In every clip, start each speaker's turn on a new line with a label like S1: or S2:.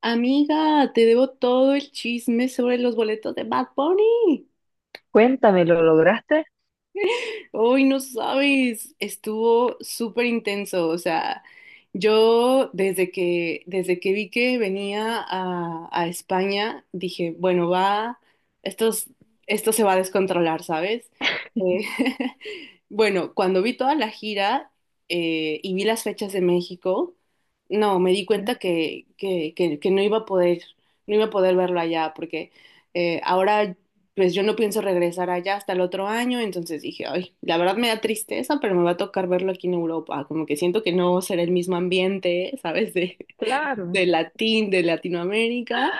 S1: Amiga, te debo todo el chisme sobre los boletos de Bad Bunny.
S2: Cuéntame, ¿lo lograste?
S1: Hoy no sabes, estuvo súper intenso, o sea, yo desde que vi que venía a España, dije, bueno, va, esto, es- esto se va a descontrolar, ¿sabes? Eh, bueno, cuando vi toda la gira y vi las fechas de México, no, me di
S2: ¿Ya?
S1: cuenta que no iba a poder, no iba a poder verlo allá, porque ahora pues yo no pienso regresar allá hasta el otro año. Entonces dije, ay, la verdad me da tristeza, pero me va a tocar verlo aquí en Europa, como que siento que no será el mismo ambiente, ¿sabes?
S2: Claro,
S1: De Latinoamérica,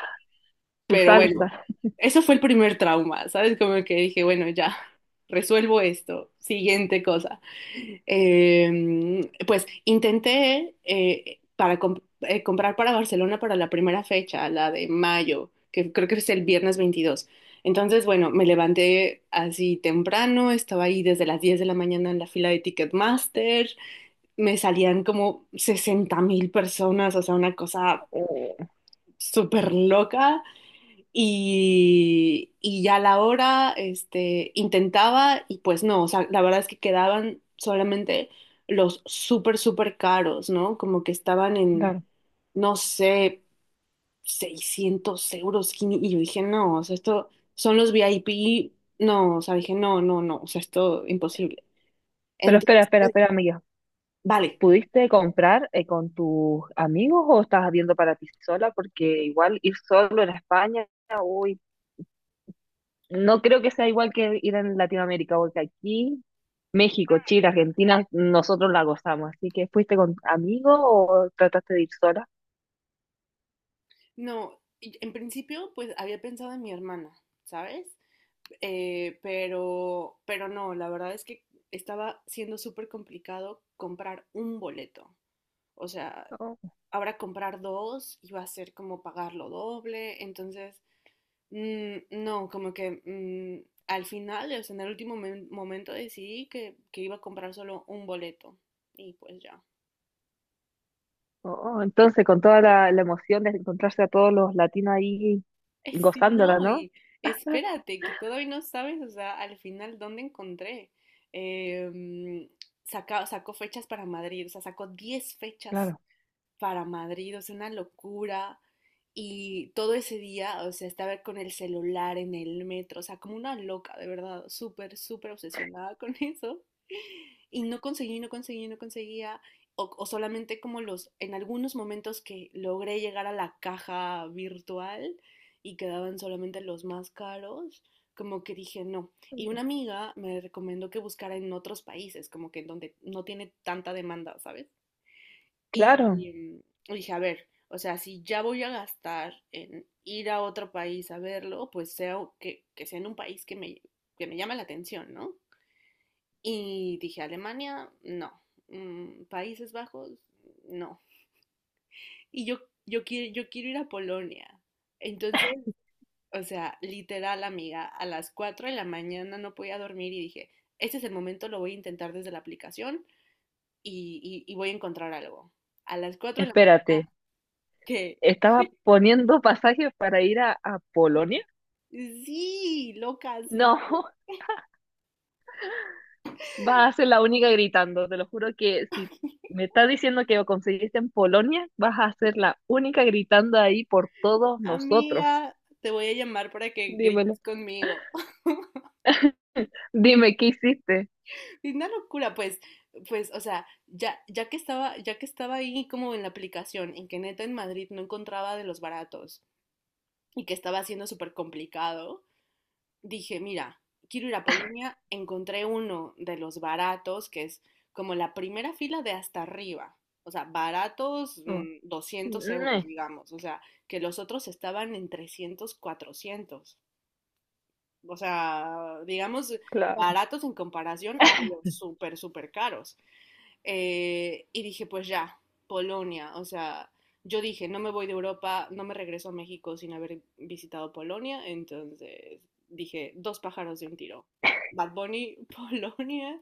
S2: su
S1: pero bueno,
S2: salsa.
S1: eso fue el primer trauma, ¿sabes? Como que dije, bueno, ya, resuelvo esto. Siguiente cosa. Pues intenté comprar para Barcelona para la primera fecha, la de mayo, que creo que es el viernes 22. Entonces, bueno, me levanté así temprano, estaba ahí desde las 10 de la mañana en la fila de Ticketmaster, me salían como 60.000 personas, o sea, una cosa
S2: Eh,
S1: súper loca. Y ya a la hora, este, intentaba y pues no, o sea, la verdad es que quedaban solamente los súper, súper caros, ¿no? Como que estaban en,
S2: claro.
S1: no sé, 600 euros. Y yo dije, no, o sea, esto son los VIP. No, o sea, dije, no, no, no, o sea, esto imposible.
S2: Pero espera,
S1: Entonces,
S2: espera, espera, amiga.
S1: vale.
S2: ¿Pudiste comprar con tus amigos o estás viendo para ti sola? Porque igual ir solo en España, uy, no creo que sea igual que ir en Latinoamérica, porque aquí, México, Chile, Argentina, nosotros la gozamos. Así que, ¿fuiste con amigos o trataste de ir sola?
S1: No, y en principio, pues había pensado en mi hermana, ¿sabes? Pero no, la verdad es que estaba siendo súper complicado comprar un boleto. O sea,
S2: Oh.
S1: ahora comprar dos iba a ser como pagarlo doble. Entonces, no, como que al final, o sea, en el momento decidí que iba a comprar solo un boleto. Y pues ya.
S2: Oh, oh, entonces, con toda la, la emoción de encontrarse a todos los latinos ahí
S1: Sí,
S2: gozándola,
S1: no,
S2: ¿no?
S1: y espérate, que todavía no sabes, o sea, al final dónde encontré. Eh, mm, sacó fechas para Madrid, o sea, sacó 10 fechas
S2: Claro,
S1: para Madrid, o sea, una locura. Y todo ese día, o sea, estaba con el celular en el metro, o sea, como una loca, de verdad, súper, súper obsesionada con eso y no conseguía, o solamente como los, en algunos momentos que logré llegar a la caja virtual y quedaban solamente los más caros, como que dije no. Y una amiga me recomendó que buscara en otros países, como que en donde no tiene tanta demanda, ¿sabes? Y,
S2: claro.
S1: mm, y dije, a ver, o sea, si ya voy a gastar en ir a otro país a verlo, pues sea o que sea en un país que me llame la atención, ¿no? Y dije, Alemania, no. Países Bajos, no. Y yo quiero ir a Polonia. Entonces, o sea, literal, amiga, a las 4 de la mañana no podía dormir y dije, este es el momento, lo voy a intentar desde la aplicación y voy a encontrar algo. A las 4 de la
S2: Espérate,
S1: mañana, que
S2: ¿estaba poniendo pasajes para ir a Polonia?
S1: sí, loca, sí.
S2: No. Vas a ser la única gritando. Te lo juro que si me estás diciendo que lo conseguiste en Polonia, vas a ser la única gritando ahí por todos nosotros.
S1: Amiga, te voy a llamar para que
S2: Dímelo.
S1: grites conmigo.
S2: Dime, ¿qué hiciste?
S1: Es una locura, pues, o sea, ya, ya que estaba ahí como en la aplicación, en que neta en Madrid no encontraba de los baratos y que estaba siendo súper complicado, dije, mira, quiero ir a Polonia, encontré uno de los baratos, que es como la primera fila de hasta arriba. O sea, baratos
S2: Oh.
S1: 200 euros,
S2: Mm,
S1: digamos. O sea, que los otros estaban en 300, 400. O sea, digamos,
S2: claro.
S1: baratos en comparación a los súper, súper caros. Y dije, pues ya, Polonia. O sea, yo dije, no me voy de Europa, no me regreso a México sin haber visitado Polonia. Entonces dije, dos pájaros de un tiro. Bad Bunny, Polonia.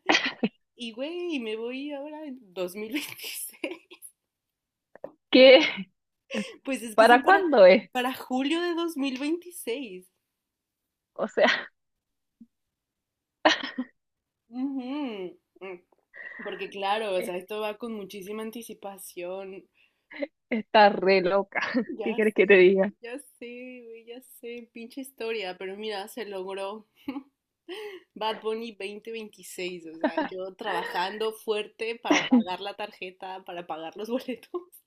S1: Y güey, me voy ahora en 2026.
S2: ¿Qué?
S1: Pues es que son
S2: ¿Para cuándo es?
S1: para julio de 2026.
S2: O sea,
S1: Ujú. Porque claro, o sea, esto va con muchísima anticipación.
S2: está re loca. ¿Qué
S1: Ya
S2: quieres que
S1: sé,
S2: te diga?
S1: ya sé, güey, ya sé, pinche historia, pero mira, se logró. Bad Bunny 2026, o sea, yo trabajando fuerte para pagar la tarjeta, para pagar los boletos.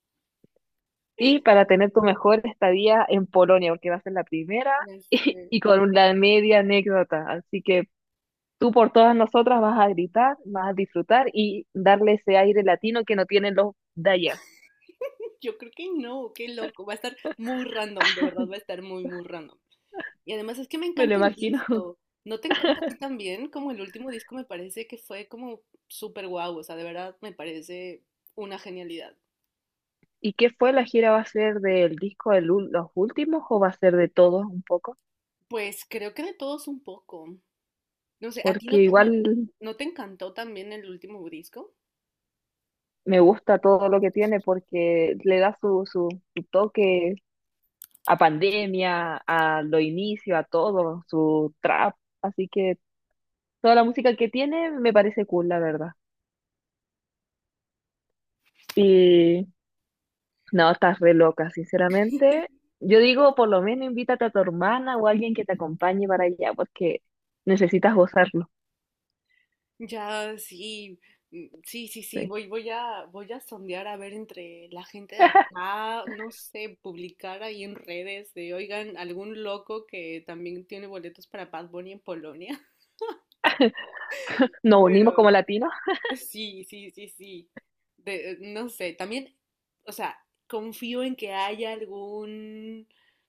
S2: Y para tener tu mejor estadía en Polonia, porque va a ser la primera
S1: Ya sé.
S2: y con la media anécdota. Así que tú por todas nosotras vas a gritar, vas a disfrutar y darle ese aire latino que no tienen los de allá.
S1: Yo creo que no, qué loco, va a estar muy random, de verdad va a estar muy, muy random. Y además es que me
S2: Me lo
S1: encanta el
S2: imagino.
S1: disco. ¿No te encanta a ti también? Como el último disco me parece que fue como súper guau, o sea, de verdad me parece una genialidad.
S2: ¿Y qué fue la gira? ¿Va a ser del disco de los últimos o va a ser de todos un poco?
S1: Pues creo que de todos un poco. No sé, ¿a ti no
S2: Porque
S1: te, no,
S2: igual
S1: no te encantó también el último disco?
S2: me gusta todo lo que tiene porque le da su, su, su toque a pandemia, a lo inicio, a todo, su trap. Así que toda la música que tiene me parece cool, la verdad. Y No, estás re loca, sinceramente. Yo digo, por lo menos invítate a tu hermana o a alguien que te acompañe para allá, porque necesitas gozarlo.
S1: Ya, sí, sí, sí, sí,
S2: Sí.
S1: voy a sondear a ver entre la gente de acá, no sé, publicar ahí en redes de, oigan, algún loco que también tiene boletos para Bad Bunny en Polonia,
S2: Nos unimos como
S1: pero
S2: latinos,
S1: sí, sí, sí, sí. No sé, también, o sea, confío en que haya algún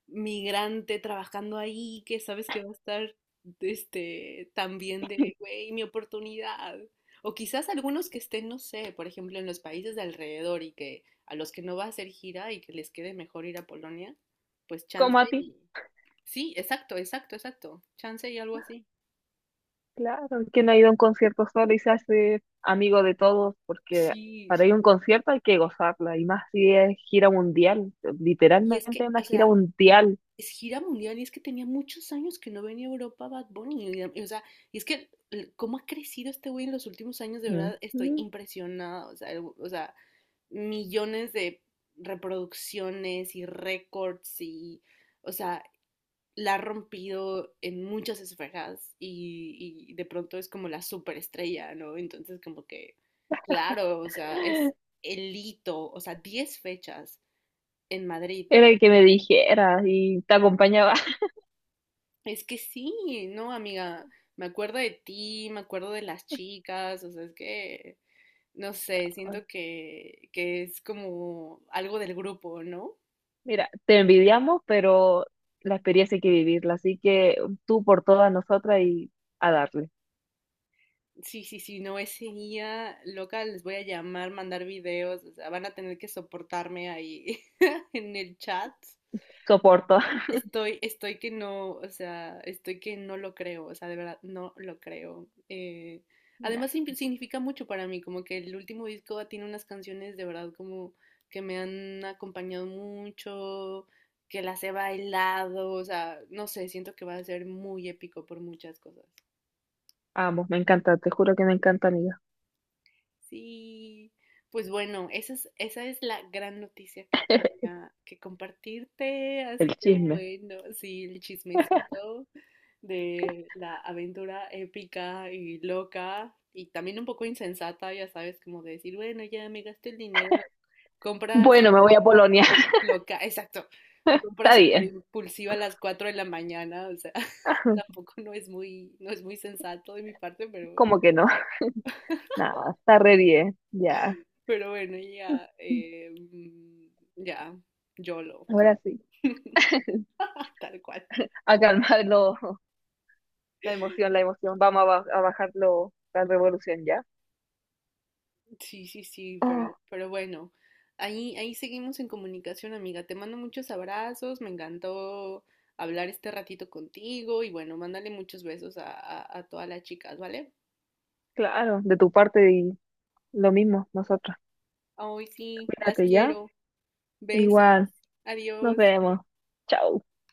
S1: migrante trabajando ahí que sabes que va a estar, este, también de, güey, mi oportunidad. O quizás algunos que estén, no sé, por ejemplo, en los países de alrededor y que a los que no va a hacer gira y que les quede mejor ir a Polonia, pues
S2: como
S1: chance
S2: a ti.
S1: y... Sí, exacto, exacto, exacto. Chance y algo así.
S2: Claro, quien ha ido a un concierto solo y se hace amigo de todos, porque
S1: Sí,
S2: para ir a
S1: sí,
S2: un
S1: sí.
S2: concierto hay que gozarla, y más si es gira mundial,
S1: Y es que,
S2: literalmente una
S1: o
S2: gira
S1: sea,
S2: mundial.
S1: es gira mundial y es que tenía muchos años que no venía a Europa Bad Bunny. Y, o sea, y es que cómo ha crecido este güey en los últimos años, de verdad estoy
S2: Ujú.
S1: impresionada. O sea, o sea, millones de reproducciones y récords y, o sea, la ha rompido en muchas esferas y de pronto es como la superestrella, ¿no? Entonces como que, claro, o sea, es el hito, o sea, 10 fechas en Madrid.
S2: Era el que me dijera y te acompañaba.
S1: Es que sí, no, amiga, me acuerdo de ti, me acuerdo de las chicas, o sea, es que, no sé, siento que es como algo del grupo, ¿no?
S2: Mira, te envidiamos, pero la experiencia hay que vivirla, así que tú por todas nosotras y a darle.
S1: Sí, sí, sí, no, ese día, loca, les voy a llamar, mandar videos, o sea, van a tener que soportarme ahí en el chat.
S2: Soporto.
S1: Estoy que no, o sea, estoy que no lo creo, o sea, de verdad, no lo creo.
S2: Nah,
S1: Además, significa mucho para mí, como que el último disco tiene unas canciones de verdad como que me han acompañado mucho, que las he bailado, o sea, no sé, siento que va a ser muy épico por muchas cosas.
S2: amo, me encanta, te juro que me encanta, amiga.
S1: Sí, pues bueno, esa es la gran noticia que tenía que compartirte, así
S2: El
S1: que
S2: chisme.
S1: bueno, sí, el chismecito de la aventura épica y loca y también un poco insensata, ya sabes, como de decir, bueno, ya me gasté el dinero, compra
S2: Bueno, me voy
S1: súper
S2: a Polonia.
S1: loca, exacto, compra
S2: Está
S1: súper
S2: bien.
S1: impulsiva a las 4 de la mañana, o sea, tampoco no es muy, no es muy sensato de mi parte, pero
S2: ¿Cómo que no? Nada, está re bien. Ya.
S1: Pero bueno, ya, ya, YOLO, o sea,
S2: Ahora sí.
S1: tal cual.
S2: A calmarlo, la emoción, la emoción. Vamos a bajarlo, la revolución ya.
S1: Sí, sí, sí,
S2: Ah,
S1: pero bueno, ahí seguimos en comunicación, amiga. Te mando muchos abrazos, me encantó hablar este ratito contigo y bueno, mándale muchos besos a todas las chicas, ¿vale?
S2: claro, de tu parte y lo mismo, nosotros.
S1: Ay, sí, las
S2: Cuídate ya.
S1: quiero. Besos.
S2: Igual, nos
S1: Adiós.
S2: vemos. Chao.